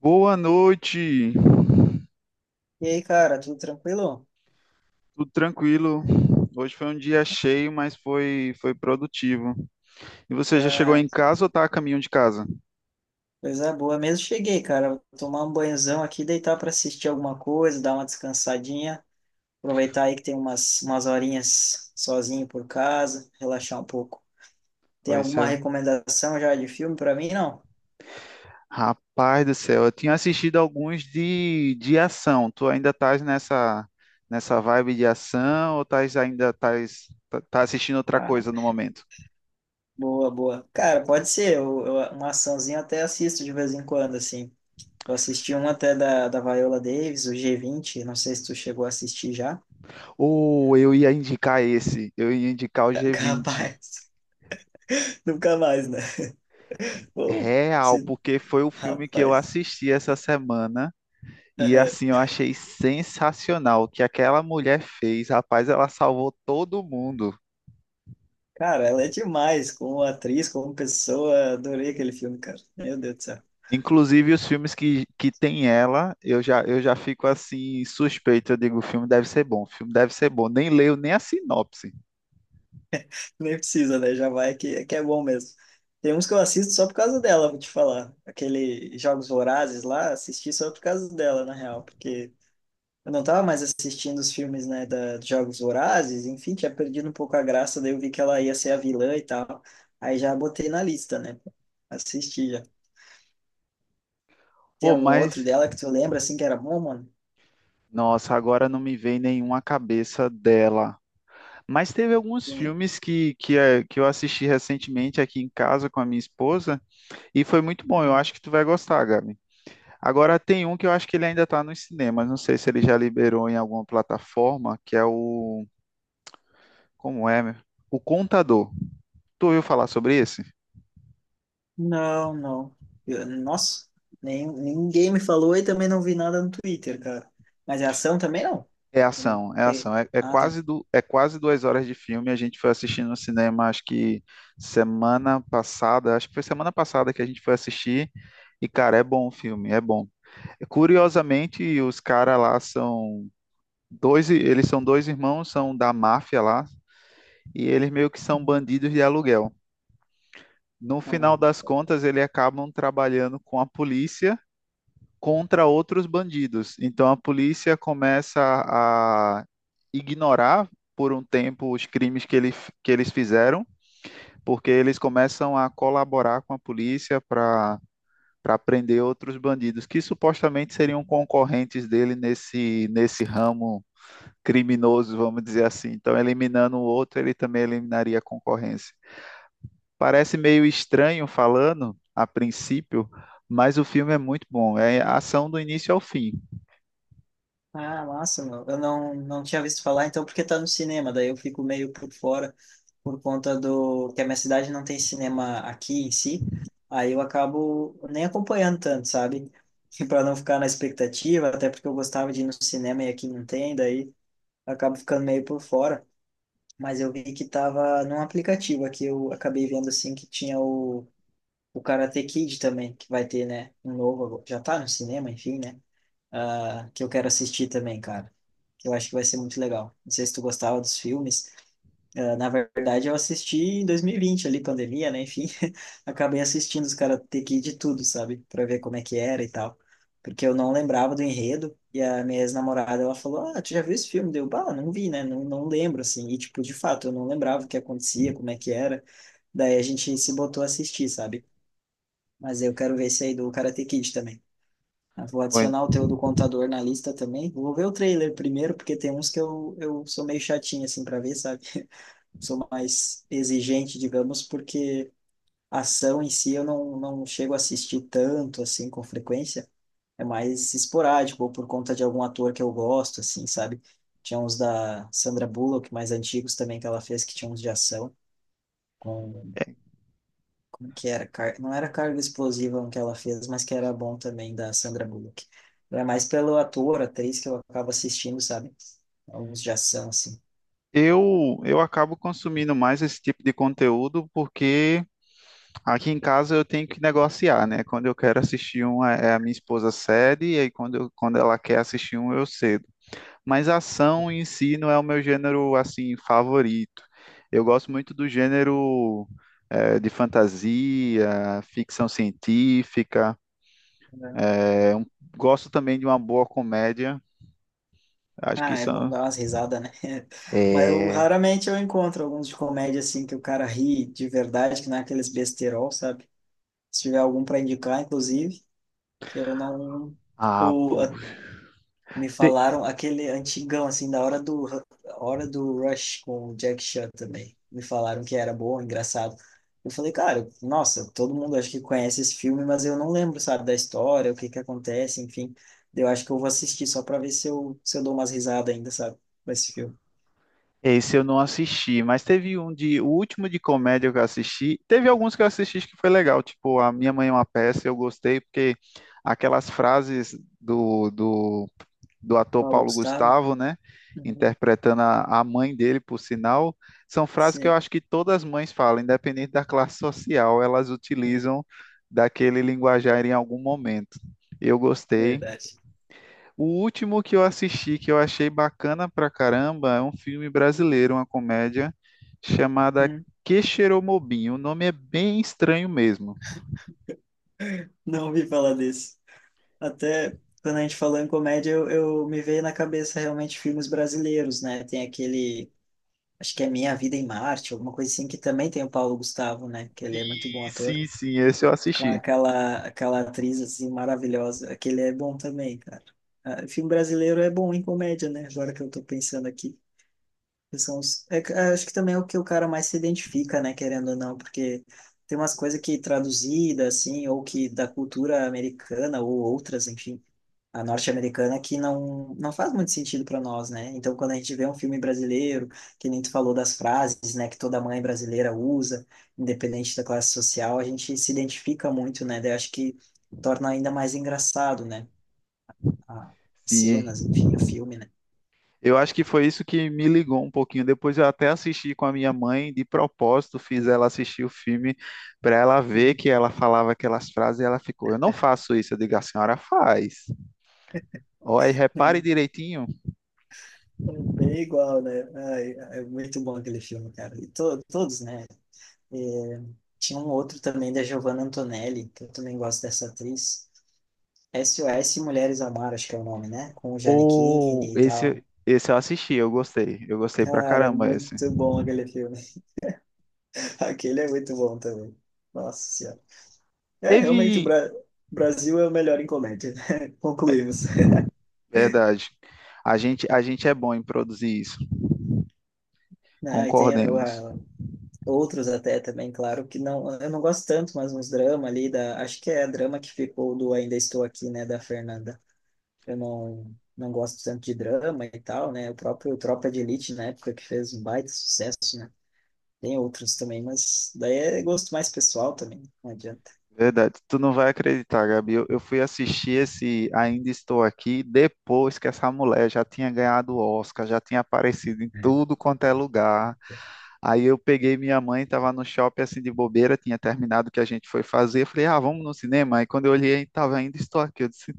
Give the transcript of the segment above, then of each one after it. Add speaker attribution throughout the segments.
Speaker 1: Boa noite,
Speaker 2: E aí, cara, tudo tranquilo?
Speaker 1: tudo tranquilo. Hoje foi um dia cheio, mas foi produtivo. E você já chegou
Speaker 2: Ah,
Speaker 1: em casa ou tá a caminho de casa?
Speaker 2: coisa boa mesmo. Cheguei, cara. Vou tomar um banhozão aqui, deitar para assistir alguma coisa, dar uma descansadinha. Aproveitar aí que tem umas horinhas sozinho por casa, relaxar um pouco. Tem
Speaker 1: Oi,
Speaker 2: alguma
Speaker 1: céu.
Speaker 2: recomendação já de filme para mim? Não?
Speaker 1: Rapaz do céu, eu tinha assistido alguns de ação. Tu ainda estás nessa, nessa vibe de ação ou estás ainda estás tá assistindo outra
Speaker 2: Ah,
Speaker 1: coisa no momento?
Speaker 2: boa, boa. Cara, pode ser. Uma açãozinha eu até assisto de vez em quando, assim. Eu assisti um até da Viola Davis, o G20. Não sei se tu chegou a assistir já.
Speaker 1: Ou eu ia indicar esse, eu ia indicar o G20.
Speaker 2: Capaz. Nunca mais, né? Pô,
Speaker 1: Real,
Speaker 2: se-
Speaker 1: porque foi o filme que eu
Speaker 2: Rapaz.
Speaker 1: assisti essa semana. E assim, eu
Speaker 2: Aham.
Speaker 1: achei sensacional o que aquela mulher fez. Rapaz, ela salvou todo mundo.
Speaker 2: Cara, ela é demais como atriz, como pessoa. Adorei aquele filme, cara. Meu Deus do céu.
Speaker 1: Inclusive os filmes que tem ela, eu já fico assim suspeito. Eu digo, o filme deve ser bom, o filme deve ser bom. Nem leio nem a sinopse.
Speaker 2: Nem precisa, né? Já vai que é bom mesmo. Tem uns que eu assisto só por causa dela, vou te falar. Aquele Jogos Vorazes lá, assisti só por causa dela, na real, porque eu não tava mais assistindo os filmes, né, da dos Jogos Vorazes, enfim, tinha perdido um pouco a graça, daí eu vi que ela ia ser a vilã e tal. Aí já botei na lista, né? Assisti já. Tem
Speaker 1: Pô,
Speaker 2: algum outro
Speaker 1: mas,
Speaker 2: dela que tu lembra assim que era bom, mano?
Speaker 1: nossa, agora não me vem nenhuma cabeça dela. Mas teve alguns filmes que eu assisti recentemente aqui em casa com a minha esposa e foi muito bom. Eu
Speaker 2: Tem.
Speaker 1: acho que tu vai gostar, Gabi. Agora tem um que eu acho que ele ainda está nos cinemas, não sei se ele já liberou em alguma plataforma, que é o. Como é, meu? O Contador. Tu ouviu falar sobre esse?
Speaker 2: Não, não. Nossa, nem, ninguém me falou e também não vi nada no Twitter, cara. Mas é ação também não?
Speaker 1: É
Speaker 2: Eu não
Speaker 1: ação,
Speaker 2: não
Speaker 1: é ação.
Speaker 2: peguei.
Speaker 1: É,
Speaker 2: Ah, tá.
Speaker 1: é quase 2 horas de filme. A gente foi assistindo no cinema, acho que semana passada, acho que foi semana passada que a gente foi assistir. E, cara, é bom o filme, é bom. Curiosamente, os caras lá são dois, eles são dois irmãos, são da máfia lá, e eles meio que são bandidos de aluguel. No final
Speaker 2: Hum.
Speaker 1: das contas, eles acabam trabalhando com a polícia contra outros bandidos. Então a polícia começa a ignorar por um tempo os crimes que eles fizeram, porque eles começam a colaborar com a polícia para prender outros bandidos que supostamente seriam concorrentes dele nesse ramo criminoso, vamos dizer assim. Então, eliminando o outro, ele também eliminaria a concorrência. Parece meio estranho falando a princípio, mas o filme é muito bom. É ação do início ao fim.
Speaker 2: Ah, massa, meu. Eu não tinha visto falar, então, porque tá no cinema, daí eu fico meio por fora, por conta do que a minha cidade não tem cinema aqui em si, aí eu acabo nem acompanhando tanto, sabe? E para não ficar na expectativa, até porque eu gostava de ir no cinema e aqui não tem, daí eu acabo ficando meio por fora. Mas eu vi que tava num aplicativo aqui, eu acabei vendo assim que tinha o Karate Kid também, que vai ter, né? Um novo, agora. Já tá no cinema, enfim, né? Ah, que eu quero assistir também, cara. Que eu acho que vai ser muito legal. Não sei se tu gostava dos filmes, ah, na verdade, eu assisti em 2020, ali, pandemia, né? Enfim, acabei assistindo os Karate Kid de tudo, sabe? Pra ver como é que era e tal. Porque eu não lembrava do enredo. E a minha ex-namorada, ela falou: Ah, tu já viu esse filme? Deu, bah, não vi, né? Não, não lembro, assim. E, tipo, de fato, eu não lembrava o que acontecia, como é que era. Daí a gente se botou a assistir, sabe? Mas eu quero ver esse aí do Karate Kid também. Ah, vou
Speaker 1: Foi-
Speaker 2: adicionar o teu do contador na lista também. Vou ver o trailer primeiro, porque tem uns que eu sou meio chatinho, assim, pra ver, sabe? Sou mais exigente, digamos, porque a ação em si eu não chego a assistir tanto, assim, com frequência. É mais esporádico, ou por conta de algum ator que eu gosto, assim, sabe? Tinha uns da Sandra Bullock, mais antigos também, que ela fez, que tinha uns de ação, com...
Speaker 1: é,
Speaker 2: Como que era? Não era Carga Explosiva um que ela fez, mas que era bom também, da Sandra Bullock. É mais pelo ator, atriz, que eu acabo assistindo, sabe? Alguns de ação, assim.
Speaker 1: eu acabo consumindo mais esse tipo de conteúdo porque aqui em casa eu tenho que negociar, né? Quando eu quero assistir um, é a minha esposa cede, e aí quando ela quer assistir um, eu cedo. Mas ação em si não é o meu gênero, assim, favorito. Eu gosto muito do gênero, de fantasia, ficção científica. É um- Gosto também de uma boa comédia. Acho que
Speaker 2: Ah, é bom
Speaker 1: são.
Speaker 2: dar umas risadas, né? Mas eu
Speaker 1: É... é,
Speaker 2: raramente eu encontro alguns de comédia assim que o cara ri de verdade, que não é aqueles besterol, sabe? Se tiver algum para indicar, inclusive, que eu não
Speaker 1: Ah,
Speaker 2: o
Speaker 1: pô.
Speaker 2: a- me
Speaker 1: Te-
Speaker 2: falaram aquele antigão assim da hora do Rush com o Jack Chan também. Me falaram que era bom, engraçado. Eu falei, cara, nossa, todo mundo acho que conhece esse filme, mas eu não lembro, sabe, da história, o que que acontece, enfim. Eu acho que eu vou assistir só para ver se eu dou umas risadas ainda, sabe, com esse filme.
Speaker 1: Esse eu não assisti, mas teve um de. O último de comédia que eu assisti. Teve alguns que eu assisti que foi legal. Tipo, A Minha Mãe é uma Peça, eu gostei, porque aquelas frases do ator
Speaker 2: Paulo
Speaker 1: Paulo
Speaker 2: Gustavo?
Speaker 1: Gustavo, né?
Speaker 2: Uhum,
Speaker 1: Interpretando a mãe dele, por sinal, são frases que eu
Speaker 2: sim,
Speaker 1: acho que todas as mães falam, independente da classe social, elas utilizam daquele linguajar em algum momento. Eu gostei.
Speaker 2: verdade.
Speaker 1: O último que eu assisti, que eu achei bacana pra caramba, é um filme brasileiro, uma comédia chamada
Speaker 2: Hum.
Speaker 1: Quixeromobim. O nome é bem estranho mesmo.
Speaker 2: Não ouvi falar desse. Até quando a gente falou em comédia, eu me veio na cabeça realmente filmes brasileiros, né? Tem aquele, acho que é Minha Vida em Marte, alguma coisa assim, que também tem o Paulo Gustavo, né? Que ele
Speaker 1: Sim,
Speaker 2: é muito bom ator.
Speaker 1: sim, sim, esse eu
Speaker 2: Com
Speaker 1: assisti.
Speaker 2: aquela atriz, assim, maravilhosa. Aquele é bom também, cara. Ah, filme brasileiro é bom em comédia, né? Agora que eu tô pensando aqui. Que são acho que também é o que o cara mais se identifica, né, querendo ou não, porque tem umas coisas que traduzida, assim, ou que da cultura americana, ou outras, enfim, a norte-americana, que não faz muito sentido para nós, né? Então, quando a gente vê um filme brasileiro, que nem tu falou das frases, né, que toda mãe brasileira usa, independente da classe social, a gente se identifica muito, né? Daí acho que torna ainda mais engraçado, né? a- As
Speaker 1: Sim,
Speaker 2: cenas, enfim, o filme, né?
Speaker 1: eu acho que foi isso que me ligou um pouquinho. Depois eu até assisti com a minha mãe, de propósito, fiz ela assistir o filme para ela ver
Speaker 2: Uhum.
Speaker 1: que ela falava aquelas frases e ela ficou: eu não faço isso. Eu digo: a senhora faz. Olha, repare direitinho.
Speaker 2: Bem igual, né? Ai, é muito bom aquele filme, cara. E todos, né? É, tinha um outro também da Giovanna Antonelli, que eu também gosto dessa atriz. SOS Mulheres ao Mar, acho que é o nome, né? Com o
Speaker 1: Ou
Speaker 2: Giannichini e
Speaker 1: esse,
Speaker 2: tal.
Speaker 1: esse eu assisti, eu gostei. Eu gostei pra
Speaker 2: Cara, é
Speaker 1: caramba esse.
Speaker 2: muito bom aquele filme. Aquele é muito bom também. Nossa Senhora. É, realmente o
Speaker 1: Teve,
Speaker 2: Brasil é o melhor em comédia, né? Concluímos.
Speaker 1: verdade. A gente é bom em produzir isso,
Speaker 2: Ah, e tem
Speaker 1: concordemos.
Speaker 2: outros até também, claro, que não, eu não gosto tanto, mas uns drama ali acho que é drama que ficou do Ainda Estou Aqui, né, da Fernanda. Eu não gosto tanto de drama e tal, né? O próprio Tropa de Elite na época que fez um baita sucesso, né? Tem outros também, mas daí é gosto mais pessoal também, né, não adianta.
Speaker 1: Verdade, tu não vai acreditar, Gabi. Eu fui assistir esse Ainda Estou Aqui depois que essa mulher já tinha ganhado o Oscar, já tinha aparecido em
Speaker 2: Hum.
Speaker 1: tudo quanto é lugar. Aí eu peguei minha mãe, estava no shopping assim de bobeira, tinha terminado o que a gente foi fazer. Eu falei, ah, vamos no cinema. Aí quando eu olhei, tava Ainda Estou Aqui. Eu disse,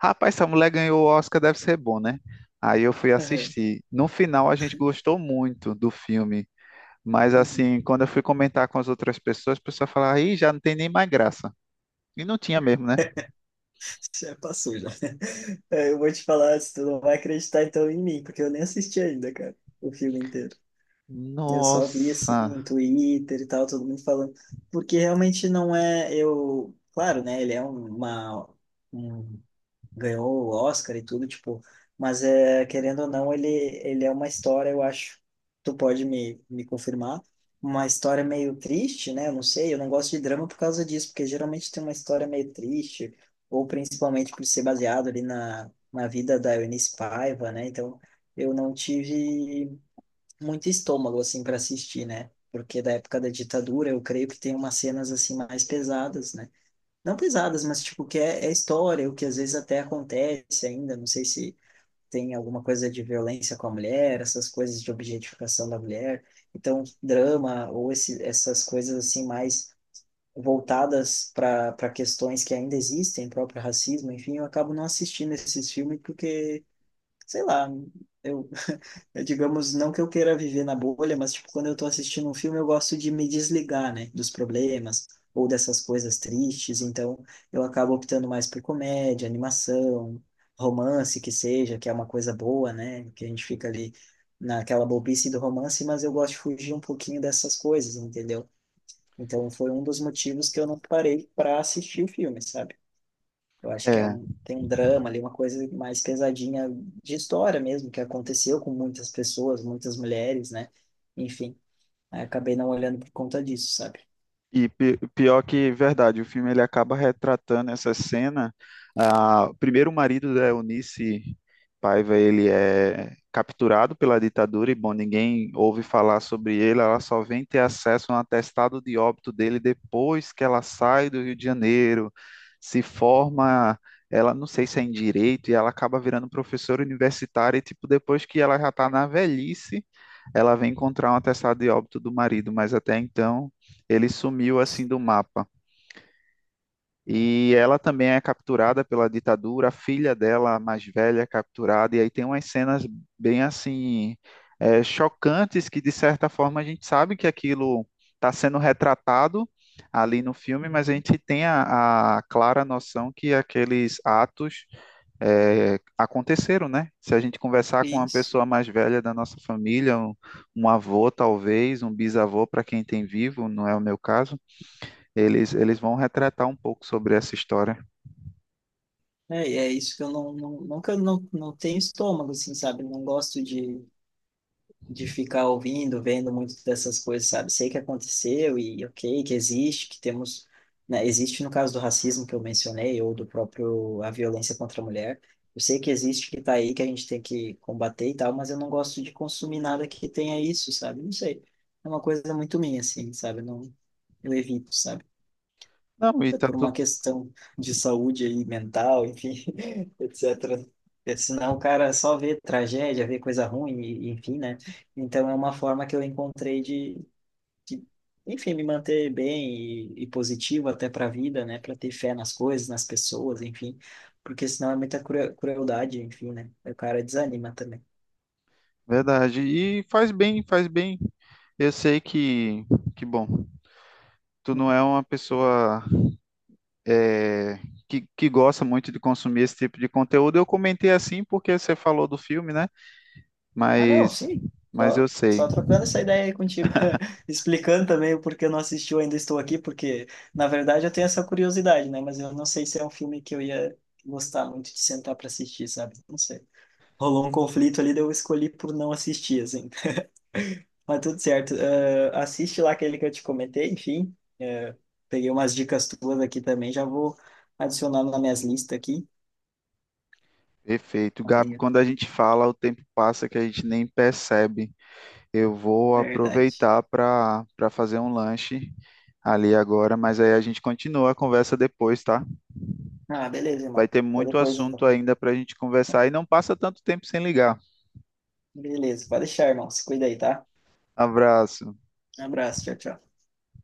Speaker 1: rapaz, essa mulher ganhou o Oscar, deve ser bom, né? Aí eu fui
Speaker 2: Aham,
Speaker 1: assistir. No final, a gente gostou muito do filme. Mas
Speaker 2: uhum.
Speaker 1: assim, quando eu fui comentar com as outras pessoas, a pessoa falava, aí já não tem nem mais graça. E não tinha mesmo, né?
Speaker 2: Já passou já. É, eu vou te falar, se tu não vai acreditar então em mim, porque eu nem assisti ainda, cara, o filme inteiro. Eu só vi assim
Speaker 1: Nossa.
Speaker 2: em Twitter e tal, todo mundo falando, porque realmente não é eu, claro, né? Ele um, ganhou o Oscar e tudo, tipo, mas é querendo ou não, ele é uma história, eu acho. Tu pode me confirmar? Uma história meio triste, né? Eu não sei, eu não gosto de drama por causa disso, porque geralmente tem uma história meio triste, ou principalmente por ser baseado ali na vida da Eunice Paiva, né? Então, eu não tive muito estômago assim para assistir, né? Porque da época da ditadura, eu creio que tem umas cenas assim mais pesadas, né? Não pesadas, mas tipo que é história, o que às vezes até acontece ainda, não sei se tem alguma coisa de violência com a mulher, essas coisas de objetificação da mulher. Então, drama ou esse, essas coisas assim mais voltadas para questões que ainda existem, próprio racismo, enfim, eu acabo não assistindo esses filmes porque, sei lá, eu eu, digamos, não que eu queira viver na bolha, mas, tipo, quando eu tô assistindo um filme, eu gosto de me desligar, né, dos problemas ou dessas coisas tristes, então eu acabo optando mais por comédia, animação, romance que seja, que é uma coisa boa, né, que a gente fica ali naquela bobice do romance, mas eu gosto de fugir um pouquinho dessas coisas, entendeu? Então foi um dos motivos que eu não parei para assistir o filme, sabe? Eu acho que
Speaker 1: É.
Speaker 2: tem um drama ali, uma coisa mais pesadinha de história mesmo, que aconteceu com muitas pessoas, muitas mulheres, né? Enfim, aí acabei não olhando por conta disso, sabe?
Speaker 1: E pior que verdade, o filme ele acaba retratando essa cena. Ah, o primeiro marido da Eunice Paiva, ele é capturado pela ditadura e bom, ninguém ouve falar sobre ele, ela só vem ter acesso a um atestado de óbito dele depois que ela sai do Rio de Janeiro, se forma, ela não sei se é em direito e ela acaba virando professora universitária e tipo depois que ela já está na velhice ela vem encontrar um atestado de óbito do marido, mas até então ele sumiu assim do mapa. E ela também é capturada pela ditadura, a filha dela, a mais velha, é capturada, e aí tem umas cenas bem assim chocantes que, de certa forma, a gente sabe que aquilo está sendo retratado ali no filme, mas a gente tem a clara noção que aqueles atos aconteceram, né? Se a gente conversar com uma
Speaker 2: Isso.
Speaker 1: pessoa mais velha da nossa família, um avô talvez, um bisavô para quem tem vivo, não é o meu caso, eles vão retratar um pouco sobre essa história.
Speaker 2: É, e é isso que eu não, que eu não tenho estômago, assim, sabe? Não gosto de ficar ouvindo, vendo muito dessas coisas, sabe? Sei que aconteceu e ok, que existe, que temos, né? Existe no caso do racismo que eu mencionei ou do próprio a violência contra a mulher. Eu sei que existe, que tá aí, que a gente tem que combater e tal, mas eu não gosto de consumir nada que tenha isso, sabe? Não sei. É uma coisa muito minha, assim, sabe? Eu não, eu evito, sabe?
Speaker 1: Não, e
Speaker 2: É
Speaker 1: tá
Speaker 2: por uma
Speaker 1: tudo
Speaker 2: questão de saúde aí, mental, enfim, etc. Porque senão o cara só vê tragédia, vê coisa ruim, e enfim, né? Então é uma forma que eu encontrei de, enfim, me manter bem e positivo até para a vida, né? Para ter fé nas coisas, nas pessoas, enfim. Porque senão é muita crueldade, enfim, né? O cara desanima também.
Speaker 1: verdade. E faz bem, faz bem. Eu sei que bom, tu não é uma pessoa é, que gosta muito de consumir esse tipo de conteúdo. Eu comentei assim porque você falou do filme, né?
Speaker 2: Ah, não,
Speaker 1: Mas,
Speaker 2: sim.
Speaker 1: mas
Speaker 2: Só,
Speaker 1: eu sei.
Speaker 2: só trocando essa ideia aí contigo, explicando também o porquê eu não assisti, eu ainda estou aqui, porque na verdade eu tenho essa curiosidade, né? Mas eu não sei se é um filme que eu ia gostar muito de sentar para assistir, sabe? Não sei. Rolou um conflito ali, daí eu escolhi por não assistir, assim. Mas tudo certo. Eh, assiste lá aquele que eu te comentei, enfim. Eh, peguei umas dicas tuas aqui também, já vou adicionando nas minhas listas aqui.
Speaker 1: Perfeito, Gabi.
Speaker 2: Aí, é
Speaker 1: Quando a gente fala, o tempo passa que a gente nem percebe. Eu vou
Speaker 2: verdade.
Speaker 1: aproveitar para fazer um lanche ali agora, mas aí a gente continua a conversa depois, tá?
Speaker 2: Ah, beleza,
Speaker 1: Vai
Speaker 2: irmão.
Speaker 1: ter
Speaker 2: Até
Speaker 1: muito
Speaker 2: depois,
Speaker 1: assunto
Speaker 2: então.
Speaker 1: ainda para a gente conversar e não passa tanto tempo sem ligar.
Speaker 2: Beleza, pode deixar, irmão. Se cuida aí, tá?
Speaker 1: Abraço.
Speaker 2: Abraço, tchau, tchau.